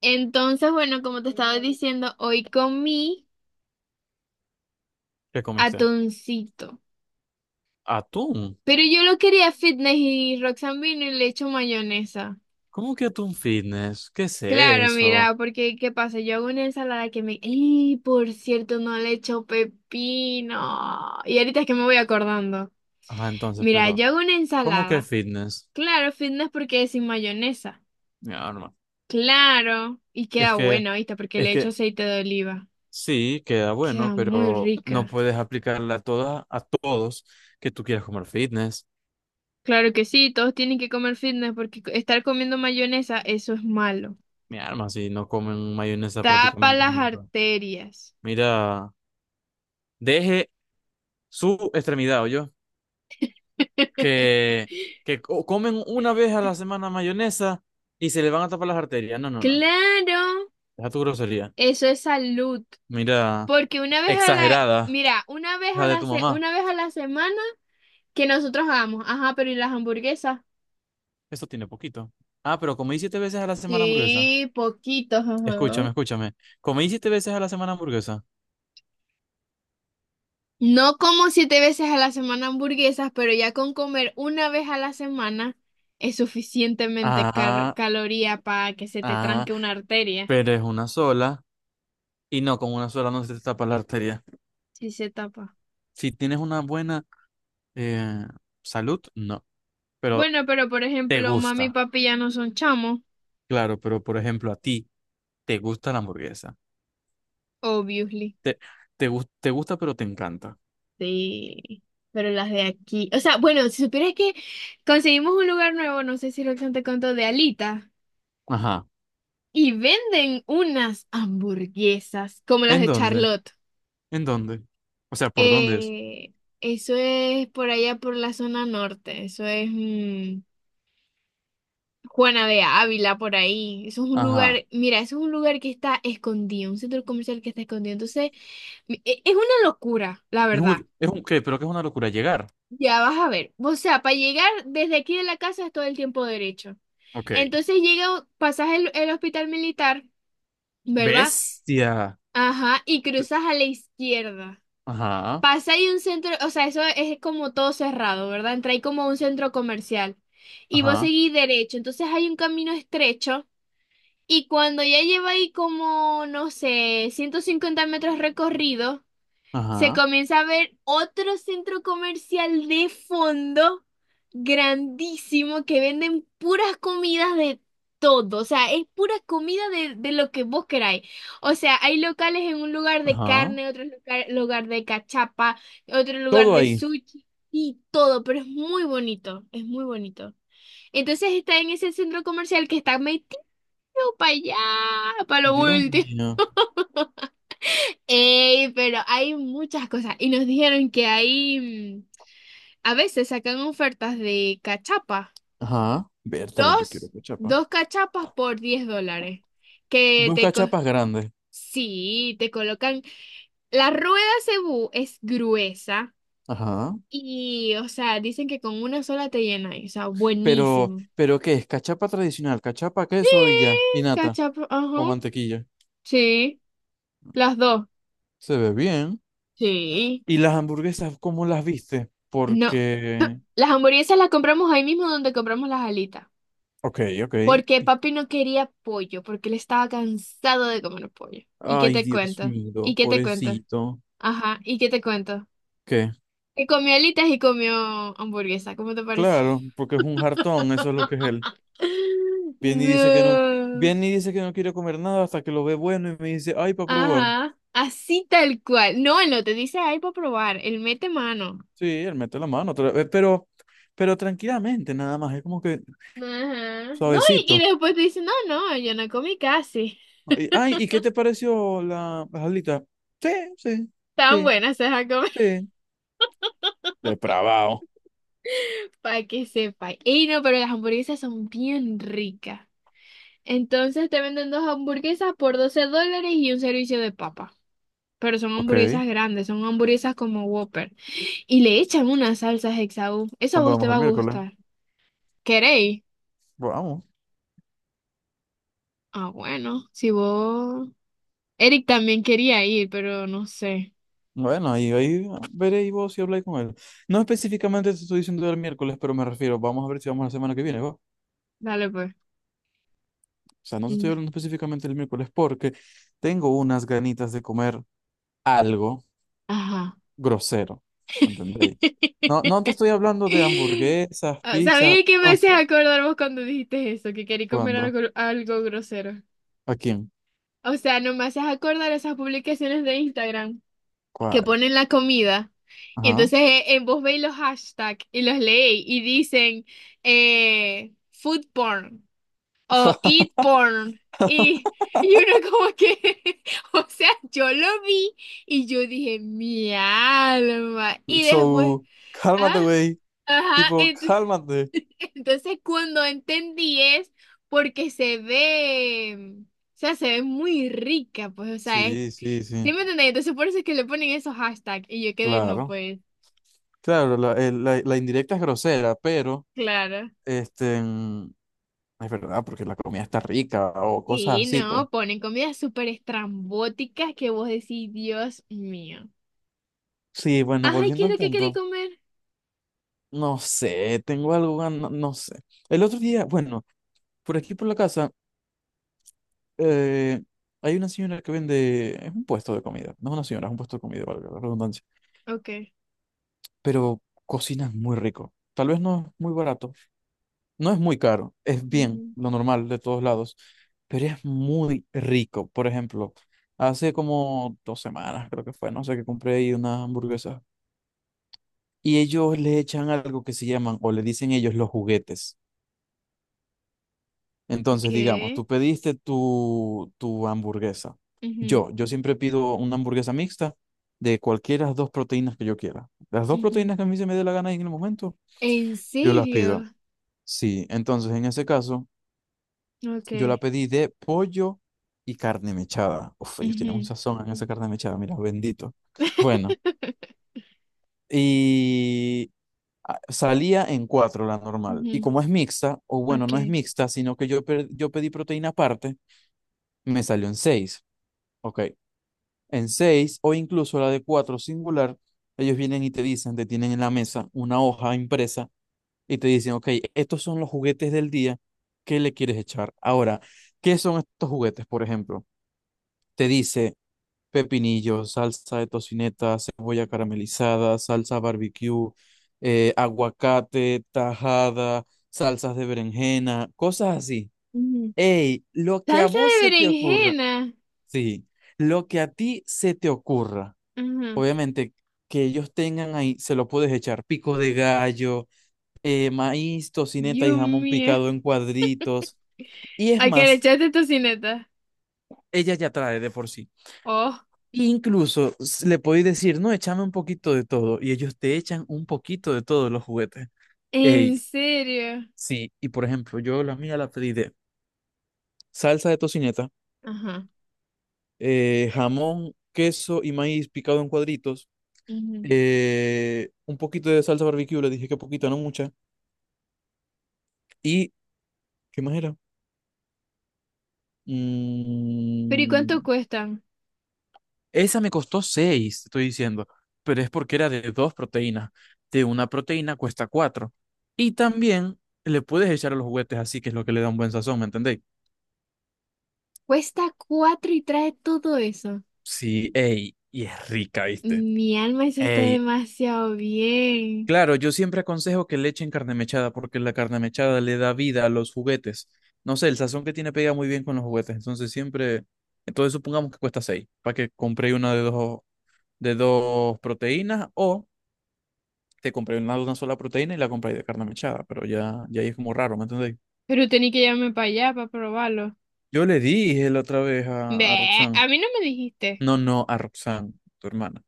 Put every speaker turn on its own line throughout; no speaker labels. Entonces, bueno, como te estaba diciendo, hoy comí
¿Qué comiste?
atuncito.
¿Atún?
Pero yo lo quería fitness y Roxanne vino y le echo mayonesa.
¿Cómo que atún fitness? ¿Qué es
Claro,
eso?
mira, porque ¿qué pasa? Yo hago una ensalada que me... ¡Y por cierto, no le echo pepino! Y ahorita es que me voy acordando.
Ah, entonces,
Mira,
pero,
yo hago una
¿cómo que
ensalada.
fitness?
Claro, fitness porque es sin mayonesa.
Ya, hermano.
Claro. Y
Es
queda
que,
bueno, ¿viste? Porque
es
le echo
que
aceite de oliva.
sí, queda bueno,
Queda muy
pero no
rica.
puedes aplicarla a todas, a todos que tú quieras comer fitness.
Claro que sí, todos tienen que comer fitness porque estar comiendo mayonesa, eso es malo.
Mi arma, si no comen mayonesa
Tapa
prácticamente
las
nunca.
arterias.
Mira, deje su extremidad, yo Que, que comen una vez a la semana mayonesa y se le van a tapar las arterias. No, no, no.
Claro,
Deja tu grosería.
eso es salud.
Mira.
Porque una vez a la,
Exagerada.
mira, una vez
Hija
a
de
la,
tu mamá.
una vez a la semana que nosotros hagamos, ajá, pero ¿y las hamburguesas?
Eso tiene poquito. Ah, pero comí siete veces a la semana hamburguesa.
Sí, poquitos, ajá.
Escúchame, escúchame. Comí siete veces a la semana hamburguesa.
No como 7 veces a la semana hamburguesas, pero ya con comer una vez a la semana es suficientemente
Ah,
caloría para que se te
ah,
tranque una arteria.
pero es una sola. Y no, con una sola no se te tapa la arteria.
Sí se tapa.
Si tienes una buena eh, salud, no. Pero
Bueno, pero por
te
ejemplo, mami y
gusta.
papi ya no son chamos,
Claro, pero por ejemplo, a ti te gusta la hamburguesa.
obviously.
Te, te gusta, pero te encanta.
Sí, pero las de aquí. O sea, bueno, si supieras que conseguimos un lugar nuevo, no sé si lo te contó, de Alita,
Ajá.
y venden unas hamburguesas como las
¿En
de
dónde?
Charlotte.
¿En dónde? O sea, ¿por dónde es?
Eh, eso es por allá por la zona norte, eso es Juana de Ávila por ahí. Eso es un
Ajá.
lugar, mira, eso es un lugar que está escondido, un centro comercial que está escondido. Entonces es una locura, la
Es
verdad.
un, es un qué, pero que es una locura llegar.
Ya vas a ver. O sea, para llegar desde aquí de la casa es todo el tiempo derecho.
Ok.
Entonces llega, pasas el hospital militar, ¿verdad?
Bestia.
Ajá, y cruzas a la izquierda.
Ajá,
Pasa ahí un centro, o sea, eso es como todo cerrado, ¿verdad? Entra ahí como a un centro comercial. Y vos
ajá,
seguís derecho. Entonces hay un camino estrecho. Y cuando ya lleva ahí como, no sé, 150 metros recorridos, se
ajá,
comienza a ver otro centro comercial de fondo grandísimo que venden puras comidas de todo, o sea, es pura comida de lo que vos queráis. O sea, hay locales en un lugar de
ajá.
carne, otro lugar, lugar de cachapa, otro lugar
Todo
de
ahí.
sushi y todo, pero es muy bonito, es muy bonito. Entonces está en ese centro comercial que está metido para allá, para lo
Dios
último.
mío.
Ey, pero hay muchas cosas. Y nos dijeron que hay, a veces sacan ofertas de cachapa.
Ajá. Vértale, yo quiero
Dos,
cachapa.
dos cachapas por $10. Que
Dos
te,
cachapas grandes.
sí, te colocan. La rueda cebú es gruesa.
Ajá.
Y, o sea, dicen que con una sola te llena. Y, o sea,
Pero,
buenísimo.
pero ¿qué es? Cachapa tradicional, cachapa,
Sí,
queso y ya. Y nata
cachapa, ajá.
o mantequilla.
Sí, las dos.
Se ve bien.
Sí.
¿Y las hamburguesas, cómo las viste?
No.
Porque...
Las hamburguesas las compramos ahí mismo donde compramos las alitas.
Ok, ok.
Porque papi no quería pollo, porque él estaba cansado de comer pollo. ¿Y qué
Ay,
te
Dios
cuento? ¿Y
mío,
qué te cuento?
pobrecito.
Ajá, ¿y qué te cuento?
¿Qué?
Que comió alitas y comió hamburguesa, ¿cómo te parece?
Claro, porque es un jartón, eso es lo que es él. Viene y dice que no,
No.
viene y dice que no quiere comer nada hasta que lo ve bueno y me dice, ay, para probar.
Ajá, así tal cual. No, él no te dice, ay, para probar, él mete mano.
Sí, él mete la mano otra vez, pero tranquilamente, nada más, es como que
Ajá. No, y
suavecito.
después te dice, no, no, yo no comí casi.
Ay, ay, ¿y qué te pareció la jalita? Sí, sí,
Tan
sí,
buenas se van a comer.
sí. Depravado.
Para que sepa. Y no, pero las hamburguesas son bien ricas. Entonces te venden dos hamburguesas por $12 y un servicio de papa. Pero son
Ok,
hamburguesas grandes, son hamburguesas como Whopper. Y le echan una salsa Hexaú. Eso a
¿cuándo
vos te
vamos
va
el
a
miércoles?
gustar. ¿Queréis?
Vamos.
Ah, bueno, si vos... Eric también quería ir, pero no sé.
Bueno, ahí veréis vos si habláis con él. No específicamente te estoy diciendo el miércoles, pero me refiero, vamos a ver si vamos la semana que viene, ¿va?
Dale pues.
O sea, no te estoy
Mm.
hablando específicamente el miércoles porque tengo unas ganitas de comer algo
Ajá.
grosero, ¿entendéis? No, no te estoy hablando de hamburguesas,
Ah,
pizzas,
¿sabéis que me
no
haces
sé.
acordar vos cuando dijiste eso? Que quería comer
¿Cuándo?
algo, algo grosero.
¿A quién?
O sea, no me haces acordar esas publicaciones de Instagram que
¿Cuál?
ponen la comida. Y
Ajá.
entonces vos veis los hashtags y los leéis y dicen food porn o eat porn. Y, y uno como que, o sea, yo lo vi y yo dije, mi alma. Y después,
So,
ah,
cálmate, güey.
ajá,
Tipo,
entonces,
cálmate.
entonces cuando entendí, es porque se ve, o sea, se ve muy rica, pues, o sea, es...
Sí, sí,
¿Sí
sí.
me entendéis? Entonces por eso es que le ponen esos hashtags y yo quedé, no,
Claro.
pues.
Claro, la indirecta es grosera, pero
Claro.
este es verdad, porque la comida está rica o cosas
Sí,
así, pues.
no, ponen comidas súper estrambóticas que vos decís, Dios mío.
Sí, bueno,
Ay, ¿qué
volviendo
es
al
lo que queréis
punto.
comer?
No sé, tengo algo, no sé. El otro día, bueno, por aquí por la casa, eh, hay una señora que vende, es un puesto de comida, no es una señora, es un puesto de comida, valga la redundancia,
Ok.
pero cocina muy rico. Tal vez no es muy barato, no es muy caro, es bien,
Ujú.
lo normal de todos lados, pero es muy rico. Por ejemplo, hace como 2 semanas, creo que fue, no sé, que compré ahí unas hamburguesas y ellos le echan algo que se llaman, o le dicen ellos los juguetes. Entonces, digamos,
¿Qué?
tú pediste tu hamburguesa.
Ujú,
Yo siempre pido una hamburguesa mixta de cualquiera de las dos proteínas que yo quiera. Las dos
ujú.
proteínas que a mí se me dé la gana en el momento,
¿En
yo las pido.
serio?
Sí, entonces en ese caso, yo la
Ok.
pedí de pollo y carne mechada. Uf, ellos tienen un
Ujú.
sazón en esa carne mechada, mira, bendito. Bueno, y salía en cuatro la normal. Y
Ujú.
como es mixta, o bueno, no es
Ok.
mixta, sino que yo pedí proteína aparte, me salió en seis. Ok. En seis o incluso la de cuatro singular, ellos vienen y te dicen, te tienen en la mesa una hoja impresa y te dicen, ok, estos son los juguetes del día, ¿qué le quieres echar? Ahora, ¿qué son estos juguetes, por ejemplo? Te dice pepinillo, salsa de tocineta, cebolla caramelizada, salsa barbecue, aguacate, tajada, salsas de berenjena, cosas así.
Ujú.
Ey, lo que a
Salsa
vos
de
se te ocurra,
berenjena.
sí, lo que a ti se te ocurra.
Ajá.
Obviamente, que ellos tengan ahí, se lo puedes echar pico de gallo, maíz, tocineta y
Dios
jamón
mío.
picado en cuadritos. Y es
¿A que le
más,
echaste tocineta?
ella ya trae de por sí.
Oh,
Incluso le podéis decir, no, échame un poquito de todo. Y ellos te echan un poquito de todos los juguetes. Ey,
¿en serio?
sí, y por ejemplo, yo la mía la pedí de salsa de tocineta,
Ajá.
jamón, queso y maíz picado en cuadritos,
Ujú.
un poquito de salsa barbecue, le dije que poquito, no mucha. ¿Y qué más era?
Pero ¿y cuánto
Mm,
cuestan?
esa me costó 6, estoy diciendo, pero es porque era de dos proteínas. De una proteína cuesta 4. Y también le puedes echar a los juguetes así, que es lo que le da un buen sazón, ¿me entendéis?
Cuesta cuatro y trae todo eso.
Sí, ey, y es rica, ¿viste?
Mi alma, eso está
Ey,
demasiado bien.
claro, yo siempre aconsejo que le echen carne mechada porque la carne mechada le da vida a los juguetes. No sé, el sazón que tiene pega muy bien con los juguetes, entonces siempre... Entonces supongamos que cuesta 6, para que compré una de dos proteínas o te compré una, sola proteína y la compré de carne mechada, pero ya ahí es como raro, ¿me entendéis?
Pero tenía que llevarme para allá para probarlo.
Yo le dije la otra vez a,
Ve,
Roxanne,
a mí no me dijiste.
no, no, a Roxanne, tu hermana,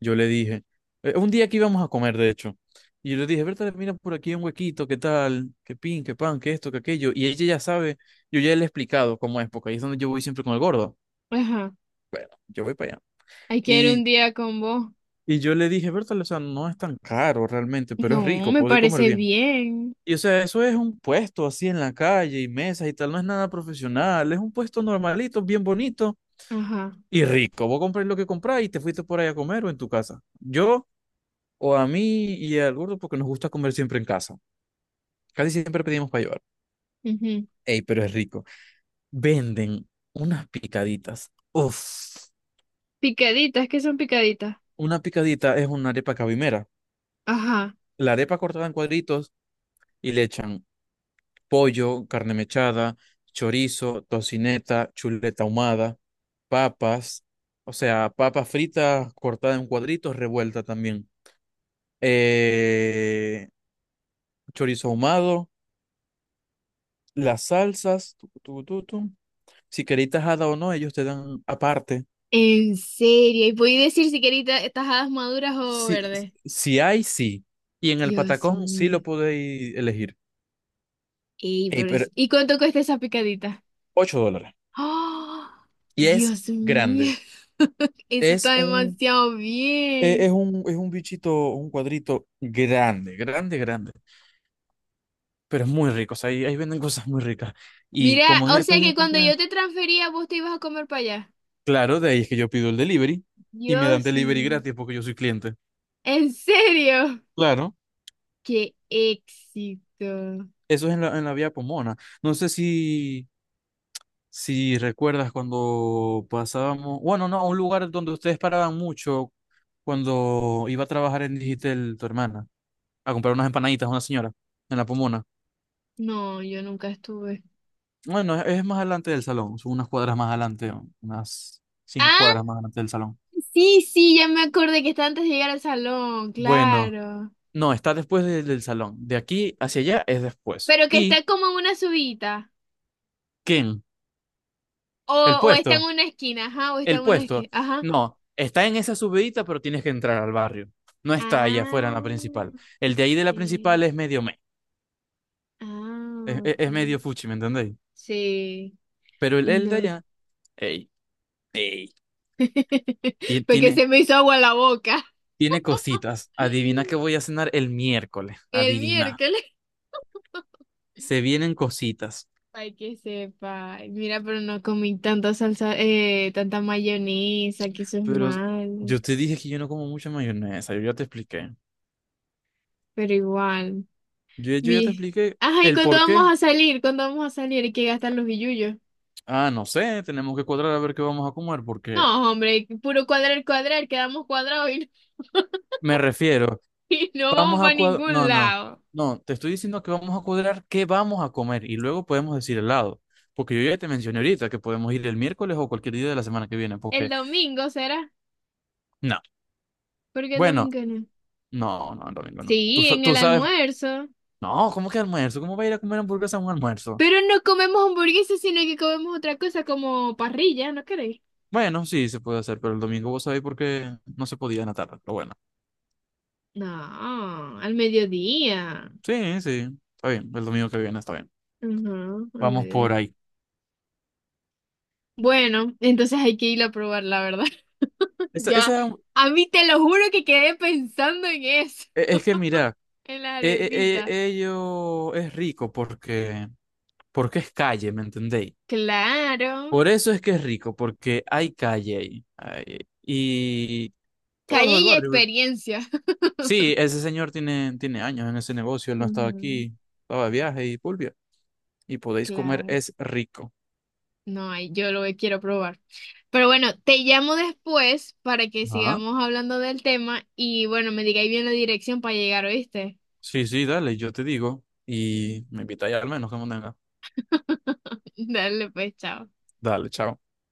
yo le dije, un día que íbamos a comer, de hecho, y yo le dije, Berta, mira por aquí un huequito, qué tal, qué pin, qué pan, qué esto, qué aquello, y ella ya sabe, yo ya le he explicado cómo es, porque ahí es donde yo voy siempre con el gordo,
Ajá.
bueno, yo voy para allá,
Hay que ir un
y,
día con vos.
y yo le dije, Berta, o sea, no es tan caro realmente, pero es
No,
rico,
me
puedo ir a comer
parece
bien.
bien.
Y o sea, eso es un puesto así en la calle y mesas y tal, no es nada profesional, es un puesto normalito, bien bonito
Ajá.
y rico. Vos comprás lo que comprás y te fuiste por ahí a comer o en tu casa. Yo o a mí y al gordo porque nos gusta comer siempre en casa. Casi siempre pedimos para llevar.
Ujú.
Ey, pero es rico. Venden unas picaditas. Uf,
Picaditas, ¿qué son picaditas?
una picadita es una arepa cabimera.
Ajá.
La arepa cortada en cuadritos y le echan pollo, carne mechada, chorizo, tocineta, chuleta ahumada, papas, o sea, papas fritas cortadas en cuadritos, revuelta también. Eh, chorizo ahumado, las salsas, tu, tu, tu, tu. Si queréis tajada o no, ellos te dan aparte.
En serio, y podéis decir si queréis tajadas maduras o
Si,
verdes.
si hay, sí. Y en el
Dios
patacón sí
mío.
lo podéis elegir.
Ey,
Ey,
pero
pero
¿y cuánto cuesta esa picadita?
$8.
¡Ah!
Y es
Dios mío,
grande.
eso
Es
está
un
demasiado
Eh, es
bien.
un, es un bichito, un cuadrito grande, grande, grande, pero es muy rico, o sea, ahí venden cosas muy ricas. Y
Mira,
como en
o
estos
sea que
días
cuando
compré,
yo te transfería, vos te ibas a comer para allá.
claro, de ahí es que yo pido el delivery y me dan
Dios
delivery
mío,
gratis porque yo soy cliente.
¿en serio?
Claro,
¡Qué éxito!
eso es en la vía Pomona. No sé si recuerdas cuando pasábamos, bueno, no, a un lugar donde ustedes paraban mucho cuando iba a trabajar en Digitel, tu hermana, a comprar unas empanaditas a una señora en la Pomona.
No, yo nunca estuve.
Bueno, es más adelante del salón, son unas cuadras más adelante, unas 5 cuadras
Ah,
más adelante del salón.
sí, sí, ya me acordé que está antes de llegar al salón,
Bueno,
claro.
no, está después del salón. De aquí hacia allá es después.
Pero que está
¿Y
como en una subida.
quién?
O,
El
o está en
puesto.
una esquina, ajá, o está
El
en una esquina,
puesto.
ajá.
No, está en esa subidita, pero tienes que entrar al barrio. No está allá afuera en la
Ah,
principal. El de ahí de la principal
sí. Ah,
es medio
ok.
fuchi, ¿me entendéis?
Sí,
Pero el de
no.
allá, ey, ey, ti-
Porque
tiene,
se me hizo agua la boca.
tiene cositas. Adivina que voy a cenar el miércoles.
El
Adivina.
miércoles.
Se vienen cositas.
Ay, que sepa. Ay, mira, pero no comí tanta salsa, tanta mayonesa, que eso es
Pero
malo.
yo te dije que yo no como mucha mayonesa, yo ya te expliqué.
Pero igual.
Yo ya te
Mi...
expliqué
Ajá, ¿y
el
cuándo
por qué.
vamos a salir? ¿Cuándo vamos a salir? Hay que gastar los billullos.
Ah, no sé, tenemos que cuadrar a ver qué vamos a comer, porque
No, hombre, puro cuadrar, cuadrar, quedamos cuadrados y no,
me refiero,
y no vamos
vamos a
para
cuadrar,
ningún
no, no,
lado.
no, te estoy diciendo que vamos a cuadrar qué vamos a comer y luego podemos decir helado, porque yo ya te mencioné ahorita que podemos ir el miércoles o cualquier día de la semana que viene,
El
porque
domingo será.
no,
¿Por qué el
bueno,
domingo no?
no, no, el domingo no. Tú,
Sí,
sa-
en
tú
el
sabes,
almuerzo.
no, ¿cómo que almuerzo? ¿Cómo va a ir a comer hamburguesa a un almuerzo?
Pero no comemos hamburguesas, sino que comemos otra cosa como parrilla, ¿no queréis?
Bueno, sí, se puede hacer, pero el domingo vos sabéis por qué no se podía en la tarde. Pero bueno,
No, al mediodía.
sí, sí, está bien. El domingo que viene está bien.
Ajá, al
Vamos
mediodía.
por ahí.
Bueno, entonces hay que ir a probar, la verdad.
Esa,
Ya,
esa,
a mí te lo juro que quedé pensando en eso,
es que mira,
en la arepita.
ello es rico porque, porque es calle, ¿me entendéis?
Claro,
Por eso es que es rico, porque hay calle ahí. Ay, y todos los
calle
del
y
barrio.
experiencia.
Sí, ese señor tiene años en ese negocio, él no estaba
Ujú,
aquí, estaba de viaje y pulvia. Y podéis comer,
claro.
es rico.
No hay, yo lo quiero probar. Pero bueno, te llamo después para que
Ajá.
sigamos hablando del tema y bueno, me digáis bien la dirección para llegar, ¿oíste?
Sí, sí, dale, yo te digo y me invitáis al menos que venga,
Dale, pues, chao.
dale, chao.